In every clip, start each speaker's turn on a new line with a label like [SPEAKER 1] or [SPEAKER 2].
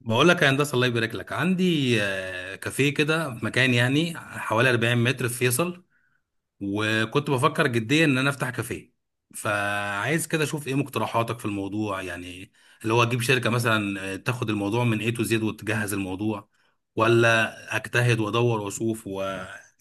[SPEAKER 1] بقول لك يا هندسه، الله يبارك لك. عندي كافيه كده في مكان، يعني حوالي 40 متر في فيصل. وكنت بفكر جديا ان انا افتح كافيه. فعايز كده اشوف ايه مقترحاتك في الموضوع، يعني اللي هو اجيب شركه مثلا، تاخد الموضوع من A to Z وتجهز الموضوع، ولا اجتهد وادور واشوف و...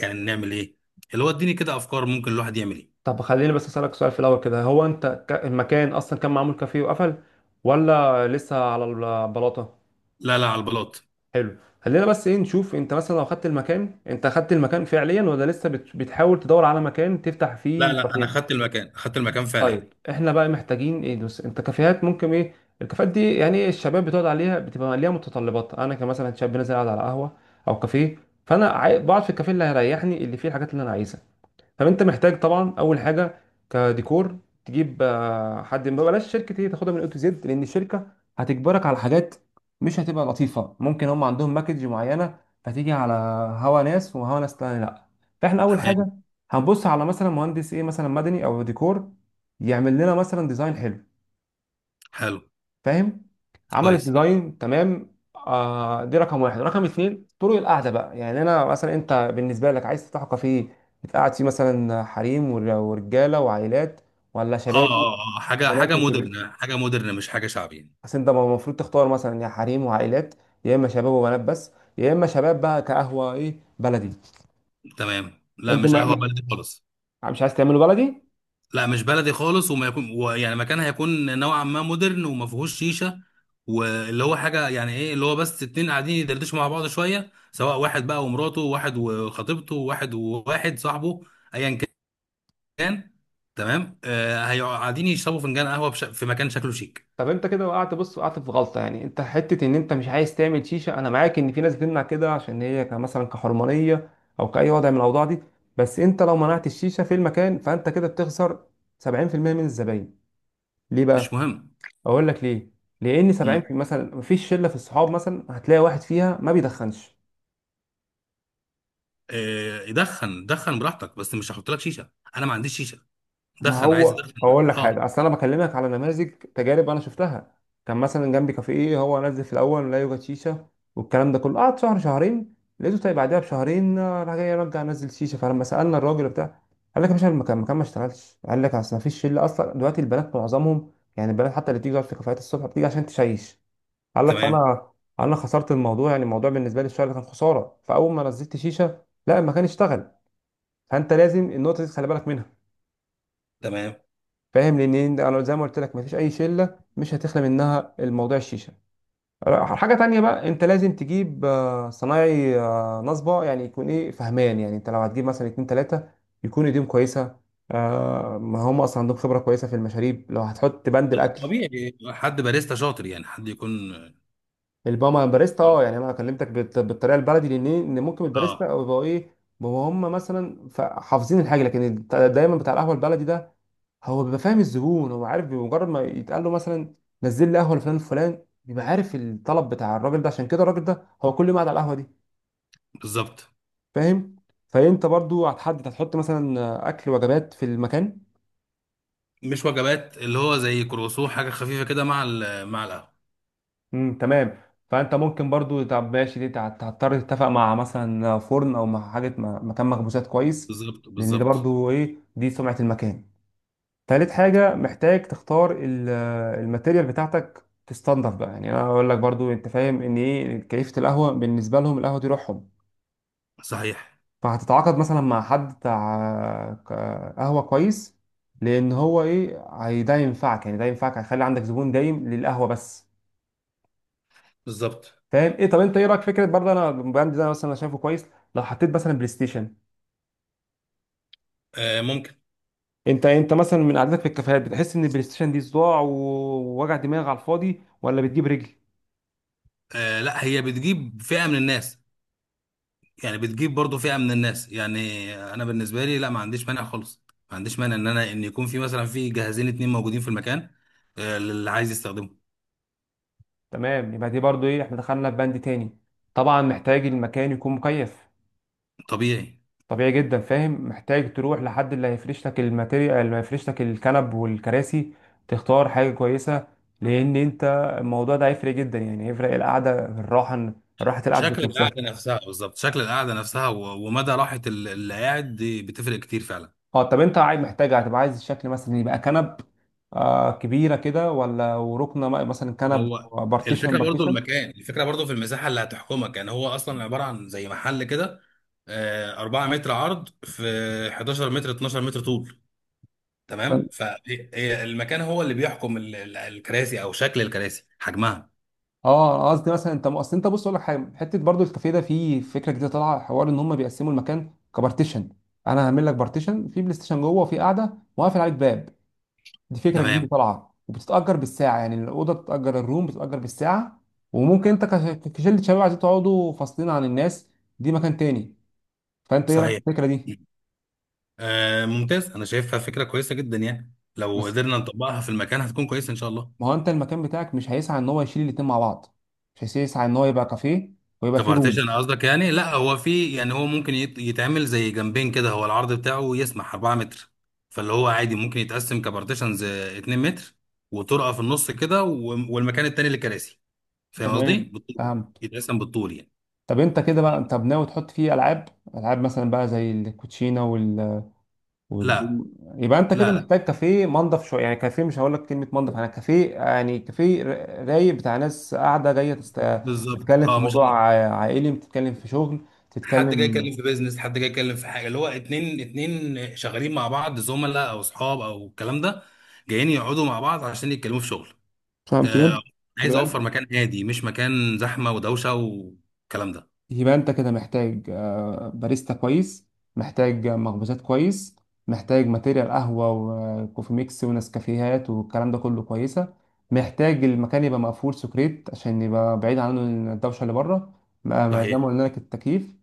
[SPEAKER 1] يعني نعمل ايه؟ اللي هو اديني كده افكار، ممكن الواحد يعمل ايه.
[SPEAKER 2] طب خليني بس اسالك سؤال في الاول كده. هو انت المكان اصلا كان معمول كافيه وقفل ولا لسه على البلاطه؟
[SPEAKER 1] لا، لا، على البلاط.
[SPEAKER 2] حلو، خلينا بس ايه نشوف، انت مثلا لو خدت المكان، انت خدت المكان فعليا ولا لسه بتحاول تدور على مكان تفتح
[SPEAKER 1] لا،
[SPEAKER 2] فيه
[SPEAKER 1] لا، انا
[SPEAKER 2] كافيه؟
[SPEAKER 1] خدت المكان، خدت المكان فعليا.
[SPEAKER 2] طيب احنا بقى محتاجين ايه؟ دوس، انت كافيهات ممكن ايه؟ الكافيهات دي يعني إيه، الشباب بتقعد عليها بتبقى ليها متطلبات. انا كمثلا شاب نازل قاعد على قهوه او كافيه، فانا بقعد في الكافيه اللي هيريحني، اللي فيه الحاجات اللي انا عايزها. طب انت محتاج طبعا اول حاجه كديكور تجيب حد. ما بلاش شركه هي تاخدها من اي تو زد، لان الشركه هتجبرك على حاجات مش هتبقى لطيفه. ممكن هم عندهم باكج معينه فتيجي على هوا ناس وهوا ناس تاني، لا. فاحنا اول
[SPEAKER 1] تمام.
[SPEAKER 2] حاجه هنبص على مثلا مهندس ايه، مثلا مدني او ديكور، يعمل لنا مثلا ديزاين حلو.
[SPEAKER 1] حلو.
[SPEAKER 2] فاهم؟ عملت
[SPEAKER 1] كويس.
[SPEAKER 2] ديزاين، تمام، آه دي رقم واحد. رقم اتنين، طرق القعده بقى. يعني انا مثلا، انت بالنسبه لك عايز تفتح كافيه تقعد فيه مثلا حريم ورجاله وعائلات ولا
[SPEAKER 1] اه،
[SPEAKER 2] شبابي
[SPEAKER 1] اه، اه، حاجه
[SPEAKER 2] بنات وشباب؟
[SPEAKER 1] مودرن، حاجه مودرن، مش حاجه شعبي.
[SPEAKER 2] بس انت المفروض تختار، مثلا يا حريم وعائلات، يا اما شباب وبنات بس، يا اما شباب بقى كقهوه ايه بلدي.
[SPEAKER 1] تمام، لا،
[SPEAKER 2] انت
[SPEAKER 1] مش قهوه بلدي خالص.
[SPEAKER 2] مش عايز تعمله بلدي؟
[SPEAKER 1] لا، مش بلدي خالص، وما يكون ويعني مكان هيكون نوعا ما مودرن، وما فيهوش شيشه. واللي هو حاجه، يعني ايه اللي هو، بس اتنين قاعدين يدردشوا مع بعض شويه، سواء واحد بقى ومراته، واحد وخطيبته، واحد وواحد صاحبه. ايا كان. تمام، هيقعدوا قاعدين يشربوا فنجان قهوه بش... في مكان شكله شيك.
[SPEAKER 2] طب انت كده وقعت، بص، وقعت في غلطه. يعني انت حته ان انت مش عايز تعمل شيشه، انا معاك ان في ناس بتمنع كده عشان هي مثلا كحرمانيه او كاي وضع من الاوضاع دي. بس انت لو منعت الشيشه في المكان فانت كده بتخسر 70% من الزباين. ليه
[SPEAKER 1] مش
[SPEAKER 2] بقى؟
[SPEAKER 1] مهم.
[SPEAKER 2] اقول لك ليه. لان 70 في
[SPEAKER 1] امم.
[SPEAKER 2] مثلا، مفيش شله في الصحاب مثلا هتلاقي واحد فيها ما بيدخنش.
[SPEAKER 1] آه، يدخن، دخن براحتك، بس مش هحط لك شيشه. انا ما عنديش شيشه.
[SPEAKER 2] ما
[SPEAKER 1] دخن، عايز
[SPEAKER 2] هو
[SPEAKER 1] ادخن،
[SPEAKER 2] اقول لك
[SPEAKER 1] اه.
[SPEAKER 2] حاجه، اصل انا بكلمك على نماذج تجارب انا شفتها. كان مثلا جنبي كافيه إيه، هو نزل في الاول لا يوجد شيشه، والكلام ده كله قعد شهر شهرين. لقيته طيب بعدها بشهرين راح جاي رجع نزل شيشه. فلما سالنا الراجل بتاع، قال لك يا باشا، المكان المكان ما اشتغلش. قال لك اصل ما فيش شله اصلا دلوقتي، البنات معظمهم، يعني البنات حتى اللي بتيجي تقعد في كافيهات الصبح بتيجي عشان تشيش. قال لك
[SPEAKER 1] تمام.
[SPEAKER 2] فانا انا خسرت الموضوع، يعني الموضوع بالنسبه لي الشغل كان خساره. فاول ما نزلت شيشه، لا، المكان اشتغل. فانت لازم النقطه دي تخلي بالك.
[SPEAKER 1] تمام.
[SPEAKER 2] فاهم؟ لان انا زي ما قلت لك، مفيش اي شله مش هتخلى منها الموضوع الشيشه. حاجه تانية بقى، انت لازم تجيب صنايعي نصبه. يعني يكون ايه، فهمان. يعني انت لو هتجيب مثلا اتنين تلاته، يكون ايديهم كويسه ما هم اصلا عندهم خبره كويسه في المشاريب، لو هتحط بند الاكل.
[SPEAKER 1] طبيعي. حد باريستا شاطر، يعني حد يكون.
[SPEAKER 2] الباما باريستا،
[SPEAKER 1] اه،
[SPEAKER 2] اه، يعني انا كلمتك بالطريقه البلدي، لان إيه؟ ان ممكن الباريستا
[SPEAKER 1] آه،
[SPEAKER 2] او يبقوا ايه، بيبقوا هم مثلا حافظين الحاجه، لكن دايما بتاع القهوه البلدي ده هو بيبقى فاهم الزبون، هو عارف بمجرد ما يتقال له مثلا نزل لي قهوه لفلان الفلان، بيبقى عارف الطلب بتاع الراجل ده، عشان كده الراجل ده هو كل يوم قاعد على القهوه دي.
[SPEAKER 1] بالظبط.
[SPEAKER 2] فاهم؟ فانت برضو هتحط مثلا اكل وجبات في المكان؟
[SPEAKER 1] مش وجبات، اللي هو زي كروسو، حاجه خفيفه كده مع القهوه.
[SPEAKER 2] تمام. فانت ممكن برضو، طب ماشي، دي هتضطر تتفق مع مثلا فرن او مع حاجه، مع مكان مخبوزات كويس،
[SPEAKER 1] بالظبط،
[SPEAKER 2] لان ده
[SPEAKER 1] بالظبط.
[SPEAKER 2] برضو ايه، دي سمعه المكان. تالت حاجة محتاج تختار الماتيريال بتاعتك تستنضف بقى. يعني انا اقول لك برضو، انت فاهم ان ايه كيفة القهوة بالنسبة لهم، القهوة دي روحهم.
[SPEAKER 1] صحيح.
[SPEAKER 2] فهتتعاقد مثلا مع حد بتاع قهوة كويس، لان هو ايه، ده ينفعك، يعني ده ينفعك، هيخلي عندك زبون دايم للقهوة بس.
[SPEAKER 1] بالظبط.
[SPEAKER 2] فاهم ايه؟ طب انت ايه رايك في فكرة برضه، انا البراند ده مثلا انا شايفه كويس، لو حطيت مثلا بلاي ستيشن؟
[SPEAKER 1] آه، ممكن.
[SPEAKER 2] انت مثلا من قعدتك في الكافيهات بتحس ان البلاي ستيشن دي صداع ووجع دماغ على الفاضي، ولا بتجيب رجل؟
[SPEAKER 1] آه، لا، هي بتجيب فئه من الناس. يعني بتجيب برضو فئه من الناس، يعني انا بالنسبه لي، لا، ما عنديش مانع خالص. ما عنديش مانع ان يكون في، مثلا، في جهازين اتنين موجودين في المكان، آه، للي عايز يستخدمه.
[SPEAKER 2] تمام، يبقى دي برضو ايه، احنا دخلنا في بند تاني. طبعا محتاج المكان يكون مكيف،
[SPEAKER 1] طبيعي.
[SPEAKER 2] طبيعي جدا. فاهم؟ محتاج تروح لحد اللي هيفرش لك الماتيريال، اللي هيفرش لك الكنب والكراسي، تختار حاجة كويسة، لان انت الموضوع ده هيفرق جدا. يعني هيفرق القعدة، الراحة، راحة القعدة ذات
[SPEAKER 1] شكل القعده
[SPEAKER 2] نفسها.
[SPEAKER 1] نفسها، بالظبط، شكل القعده نفسها و- ومدى راحه اللي قاعد دي بتفرق كتير فعلا.
[SPEAKER 2] اه طب انت عايز، محتاج، هتبقى عايز الشكل مثلا يبقى كنب آه كبيرة كده، ولا وركنة مثلا كنب
[SPEAKER 1] هو
[SPEAKER 2] بارتيشن؟
[SPEAKER 1] الفكره برضو المكان، الفكره برضو في المساحه اللي هتحكمك، يعني هو اصلا عباره عن زي محل كده، 4 متر عرض في 11 متر، 12 متر طول. تمام، فالمكان هو اللي بيحكم الكراسي او شكل الكراسي، حجمها.
[SPEAKER 2] اه انا قصدي مثلا، انت اصل انت بص، اقول لك حاجه، حته برضو الكافيه ده فيه فكره جديده طالعه حوار ان هم بيقسموا المكان كبارتيشن. انا هعمل لك بارتيشن، في بلاي ستيشن جوه وفي قاعده، وقافل عليك باب. دي فكره جديده
[SPEAKER 1] تمام.
[SPEAKER 2] طالعه، وبتتاجر بالساعه. يعني الاوضه بتتاجر، الروم بتتاجر بالساعه. وممكن انت كشله شباب عايزين تقعدوا فاصلين عن الناس، دي مكان تاني. فانت ايه رايك في
[SPEAKER 1] صحيح.
[SPEAKER 2] الفكره دي؟
[SPEAKER 1] ممتاز، انا شايفها فكره كويسه جدا، يعني لو
[SPEAKER 2] بس
[SPEAKER 1] قدرنا نطبقها في المكان هتكون كويسه ان شاء الله.
[SPEAKER 2] ما هو انت المكان بتاعك مش هيسعى ان هو يشيل الاتنين مع بعض، مش هيسعى ان هو يبقى كافيه ويبقى
[SPEAKER 1] طب
[SPEAKER 2] فيه روم؟
[SPEAKER 1] ارتيشن قصدك؟ يعني لا، هو في، يعني هو ممكن يتعمل زي جنبين كده، هو العرض بتاعه يسمح 4 متر، فاللي هو عادي ممكن يتقسم كبارتيشنز 2 متر، وطرقه في النص كده، و- والمكان التاني للكراسي. فاهم قصدي،
[SPEAKER 2] تمام،
[SPEAKER 1] بالطول.
[SPEAKER 2] فهمت.
[SPEAKER 1] يتقسم بالطول يعني.
[SPEAKER 2] طب انت كده بقى، طب ناوي تحط فيه العاب؟ العاب مثلا بقى زي الكوتشينه وال...
[SPEAKER 1] لا.
[SPEAKER 2] يبقى انت كده
[SPEAKER 1] لا، لا.
[SPEAKER 2] محتاج كافيه منضف شويه. يعني كافيه، مش هقول لك كلمه منضف انا، كافيه يعني كافيه رايق، بتاع ناس قاعده جايه
[SPEAKER 1] بالظبط،
[SPEAKER 2] تتكلم في
[SPEAKER 1] اه، مش
[SPEAKER 2] موضوع
[SPEAKER 1] ال-...
[SPEAKER 2] عائلي، بتتكلم في شغل،
[SPEAKER 1] حد جاي
[SPEAKER 2] تتكلم.
[SPEAKER 1] يتكلم في بيزنس، حد جاي يتكلم في حاجه، اللي هو اتنين اتنين شغالين مع بعض، زملاء او اصحاب او الكلام ده، جايين يقعدوا مع بعض عشان يتكلموا في شغل.
[SPEAKER 2] فهمت؟
[SPEAKER 1] آه، عايز
[SPEAKER 2] يبقى
[SPEAKER 1] اوفر
[SPEAKER 2] انت
[SPEAKER 1] مكان هادي، مش مكان زحمه ودوشه والكلام ده.
[SPEAKER 2] يبقى انت كده محتاج باريستا كويس، محتاج مخبوزات كويس، محتاج ماتيريال قهوة وكوفي ميكس ونسكافيهات والكلام ده كله كويسة. محتاج المكان يبقى مقفول سكريت، عشان يبقى بعيد عنه الدوشة اللي بره، ما زي ما
[SPEAKER 1] صحيح.
[SPEAKER 2] قلنا لك، التكييف.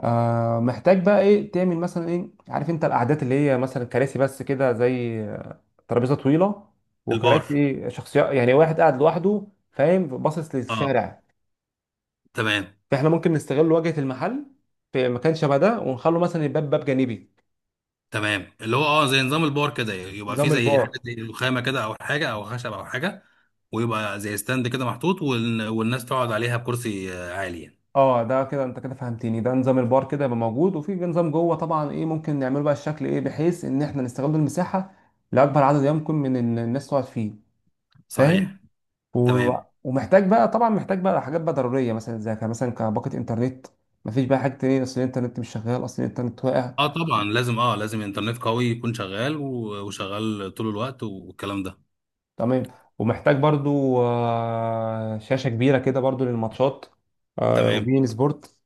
[SPEAKER 2] محتاج بقى ايه، تعمل مثلا ايه، عارف انت القعدات اللي هي مثلا كراسي بس كده، زي ترابيزة طويلة
[SPEAKER 1] البار.
[SPEAKER 2] وكراسي شخصية يعني، واحد قاعد لوحده، فاهم، باصص
[SPEAKER 1] اه.
[SPEAKER 2] للشارع.
[SPEAKER 1] تمام.
[SPEAKER 2] فاحنا ممكن نستغل واجهه المحل في مكان شبه ده، ونخلو مثلا الباب باب جانبي،
[SPEAKER 1] تمام، اللي هو اه، زي نظام البار كده، يبقى فيه
[SPEAKER 2] نظام
[SPEAKER 1] زي حاجه،
[SPEAKER 2] البار.
[SPEAKER 1] زي رخامه كده او حاجه او خشب او حاجه، ويبقى زي ستاند كده محطوط، وال- والناس تقعد عليها بكرسي عالي، يعني.
[SPEAKER 2] اه ده كده انت كده فهمتني، ده نظام البار كده يبقى موجود، وفي بقى نظام جوه طبعا ايه ممكن نعمله، بقى الشكل ايه بحيث ان احنا نستغل المساحه لاكبر عدد يمكن من الناس تقعد فيه. فاهم؟
[SPEAKER 1] صحيح.
[SPEAKER 2] و...
[SPEAKER 1] تمام.
[SPEAKER 2] ومحتاج بقى طبعا، محتاج بقى حاجات بقى ضروريه، مثلا زي مثلا كباقه انترنت، مفيش بقى حاجه تانية اصل الانترنت مش شغال، اصل الانترنت واقع.
[SPEAKER 1] اه، طبعا لازم، اه، لازم انترنت قوي يكون شغال و- وشغال طول الوقت والكلام ده.
[SPEAKER 2] تمام. ومحتاج برضو شاشة كبيرة كده برضو للماتشات
[SPEAKER 1] تمام.
[SPEAKER 2] وبين سبورت.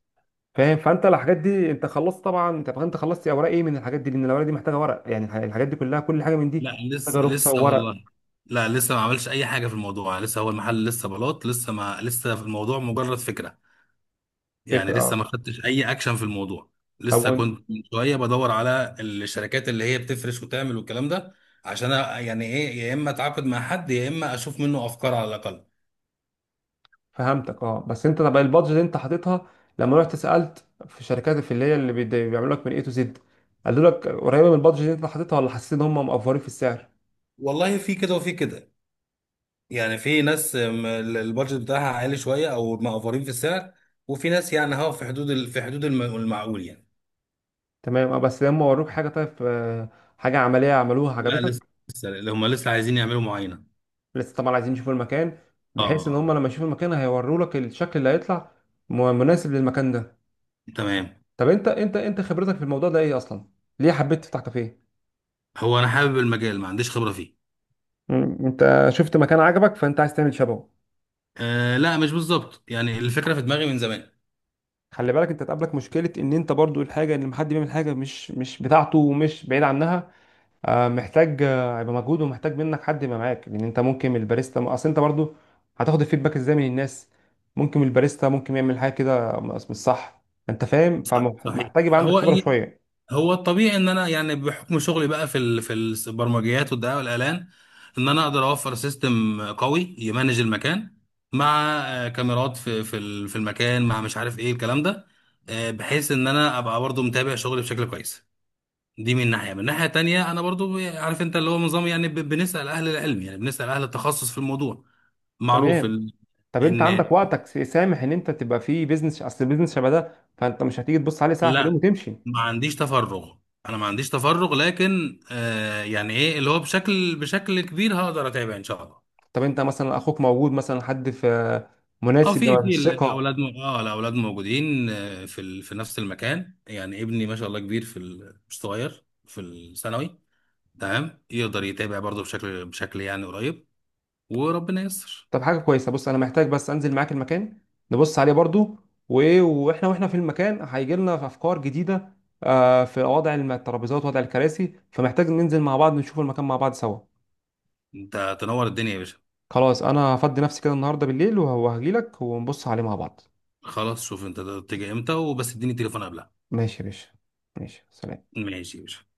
[SPEAKER 2] فاهم؟ فانت الحاجات دي انت خلصت طبعا، انت خلصت اوراق ايه من الحاجات دي؟ لان الاوراق دي محتاجه ورق، يعني الحاجات دي كلها، كل حاجه من دي
[SPEAKER 1] لا، لسه،
[SPEAKER 2] محتاجه رخصه
[SPEAKER 1] لسه
[SPEAKER 2] وورق.
[SPEAKER 1] والله. لا، لسه ما عملش اي حاجه في الموضوع، لسه هو المحل، لسه بلاط، لسه ما لسه في الموضوع مجرد فكره. يعني
[SPEAKER 2] فكره
[SPEAKER 1] لسه
[SPEAKER 2] اه.
[SPEAKER 1] ما خدتش اي اكشن في الموضوع.
[SPEAKER 2] طب
[SPEAKER 1] لسه كنت من شويه بدور على الشركات اللي هي بتفرش وتعمل والكلام ده، عشان يعني ايه، يا اما اتعاقد مع حد يا اما اشوف منه افكار على الاقل.
[SPEAKER 2] فهمتك اه. بس انت، طب البادجت اللي انت حاططها، لما رحت سالت في شركات في اللي هي اللي بيعملوا لك من اي تو زد، قالوا لك قريبه من البادجت اللي انت حاططها، ولا حسيت ان هم مقفرين في السعر؟
[SPEAKER 1] والله، في كده وفي كده. يعني في ناس البادجت بتاعها عالي شويه، او مقفرين في السعر. وفي ناس، يعني هو في حدود في حدود المعقول، يعني.
[SPEAKER 2] تمام اه. بس لما وروك حاجه طيب، حاجه عمليه عملوها
[SPEAKER 1] لا، لسه.
[SPEAKER 2] عجبتك؟
[SPEAKER 1] لسه هم عايزين يعملوا معاينه.
[SPEAKER 2] لسه طبعا، عايزين يشوفوا المكان، بحيث ان هم
[SPEAKER 1] اه.
[SPEAKER 2] لما يشوفوا المكان هيوروا لك الشكل اللي هيطلع مناسب للمكان ده.
[SPEAKER 1] تمام.
[SPEAKER 2] طب انت خبرتك في الموضوع ده ايه اصلا؟ ليه حبيت تفتح كافيه؟
[SPEAKER 1] هو انا حابب المجال، ما عنديش خبره فيه.
[SPEAKER 2] انت شفت مكان عجبك فانت عايز تعمل شبهه؟
[SPEAKER 1] آه، لا، مش بالظبط، يعني الفكره في دماغي من زمان.
[SPEAKER 2] خلي بالك انت تقابلك مشكلة، ان انت برضو الحاجة ان لما حد بيعمل حاجة مش بتاعته ومش بعيد عنها، محتاج هيبقى مجهود، ومحتاج منك حد يبقى معاك. لان انت ممكن الباريستا، اصل انت برضو هتاخد الفيدباك ازاي من الناس؟ ممكن الباريستا ممكن يعمل حاجه كده مش صح. انت فاهم؟
[SPEAKER 1] صحيح.
[SPEAKER 2] فمحتاج يبقى عندك
[SPEAKER 1] هو
[SPEAKER 2] خبره
[SPEAKER 1] ال...
[SPEAKER 2] شويه.
[SPEAKER 1] هو الطبيعي ان انا، يعني بحكم شغلي بقى في ال... في البرمجيات والدعايه والاعلان، ان انا اقدر اوفر سيستم قوي يمانج المكان، مع كاميرات في المكان، مع مش عارف ايه الكلام ده، بحيث ان انا ابقى برضو متابع شغلي بشكل كويس. دي من ناحية، من ناحية تانية، أنا برضو عارف، أنت اللي هو نظام، يعني بنسأل أهل العلم، يعني بنسأل أهل التخصص في الموضوع. معروف
[SPEAKER 2] تمام.
[SPEAKER 1] ال...
[SPEAKER 2] طب انت
[SPEAKER 1] إن.
[SPEAKER 2] عندك وقتك سامح ان انت تبقى في بيزنس اصل البيزنس شبه ده؟ فانت مش هتيجي تبص عليه ساعه في اليوم
[SPEAKER 1] لا.
[SPEAKER 2] وتمشي.
[SPEAKER 1] ما عنديش تفرغ. أنا ما عنديش تفرغ، لكن يعني إيه، اللي هو بشكل كبير هقدر أتابع إن شاء الله.
[SPEAKER 2] طب انت مثلا اخوك موجود، مثلا حد في
[SPEAKER 1] اه،
[SPEAKER 2] مناسب
[SPEAKER 1] في
[SPEAKER 2] ثقه؟
[SPEAKER 1] الاولاد م... الاولاد موجودين، في ال... في نفس المكان، يعني ابني ما شاء الله كبير في ال... مش صغير، في الثانوي. تمام، يقدر يتابع برضه بشكل يعني قريب. وربنا ييسر.
[SPEAKER 2] طب حاجة كويسة، بص، أنا محتاج بس أنزل معاك المكان نبص عليه برضو، وإيه، وإحنا في المكان هيجي لنا في أفكار جديدة، في وضع الترابيزات، وضع الكراسي. فمحتاج ننزل مع بعض نشوف المكان مع بعض سوا.
[SPEAKER 1] انت تنور الدنيا يا باشا.
[SPEAKER 2] خلاص، أنا هفضي نفسي كده النهاردة بالليل وهجيلك ونبص عليه مع بعض.
[SPEAKER 1] خلاص، شوف انت تيجي امتى، وبس اديني التليفون قبلها.
[SPEAKER 2] ماشي يا باشا. ماشي، سلام.
[SPEAKER 1] ماشي يا باشا.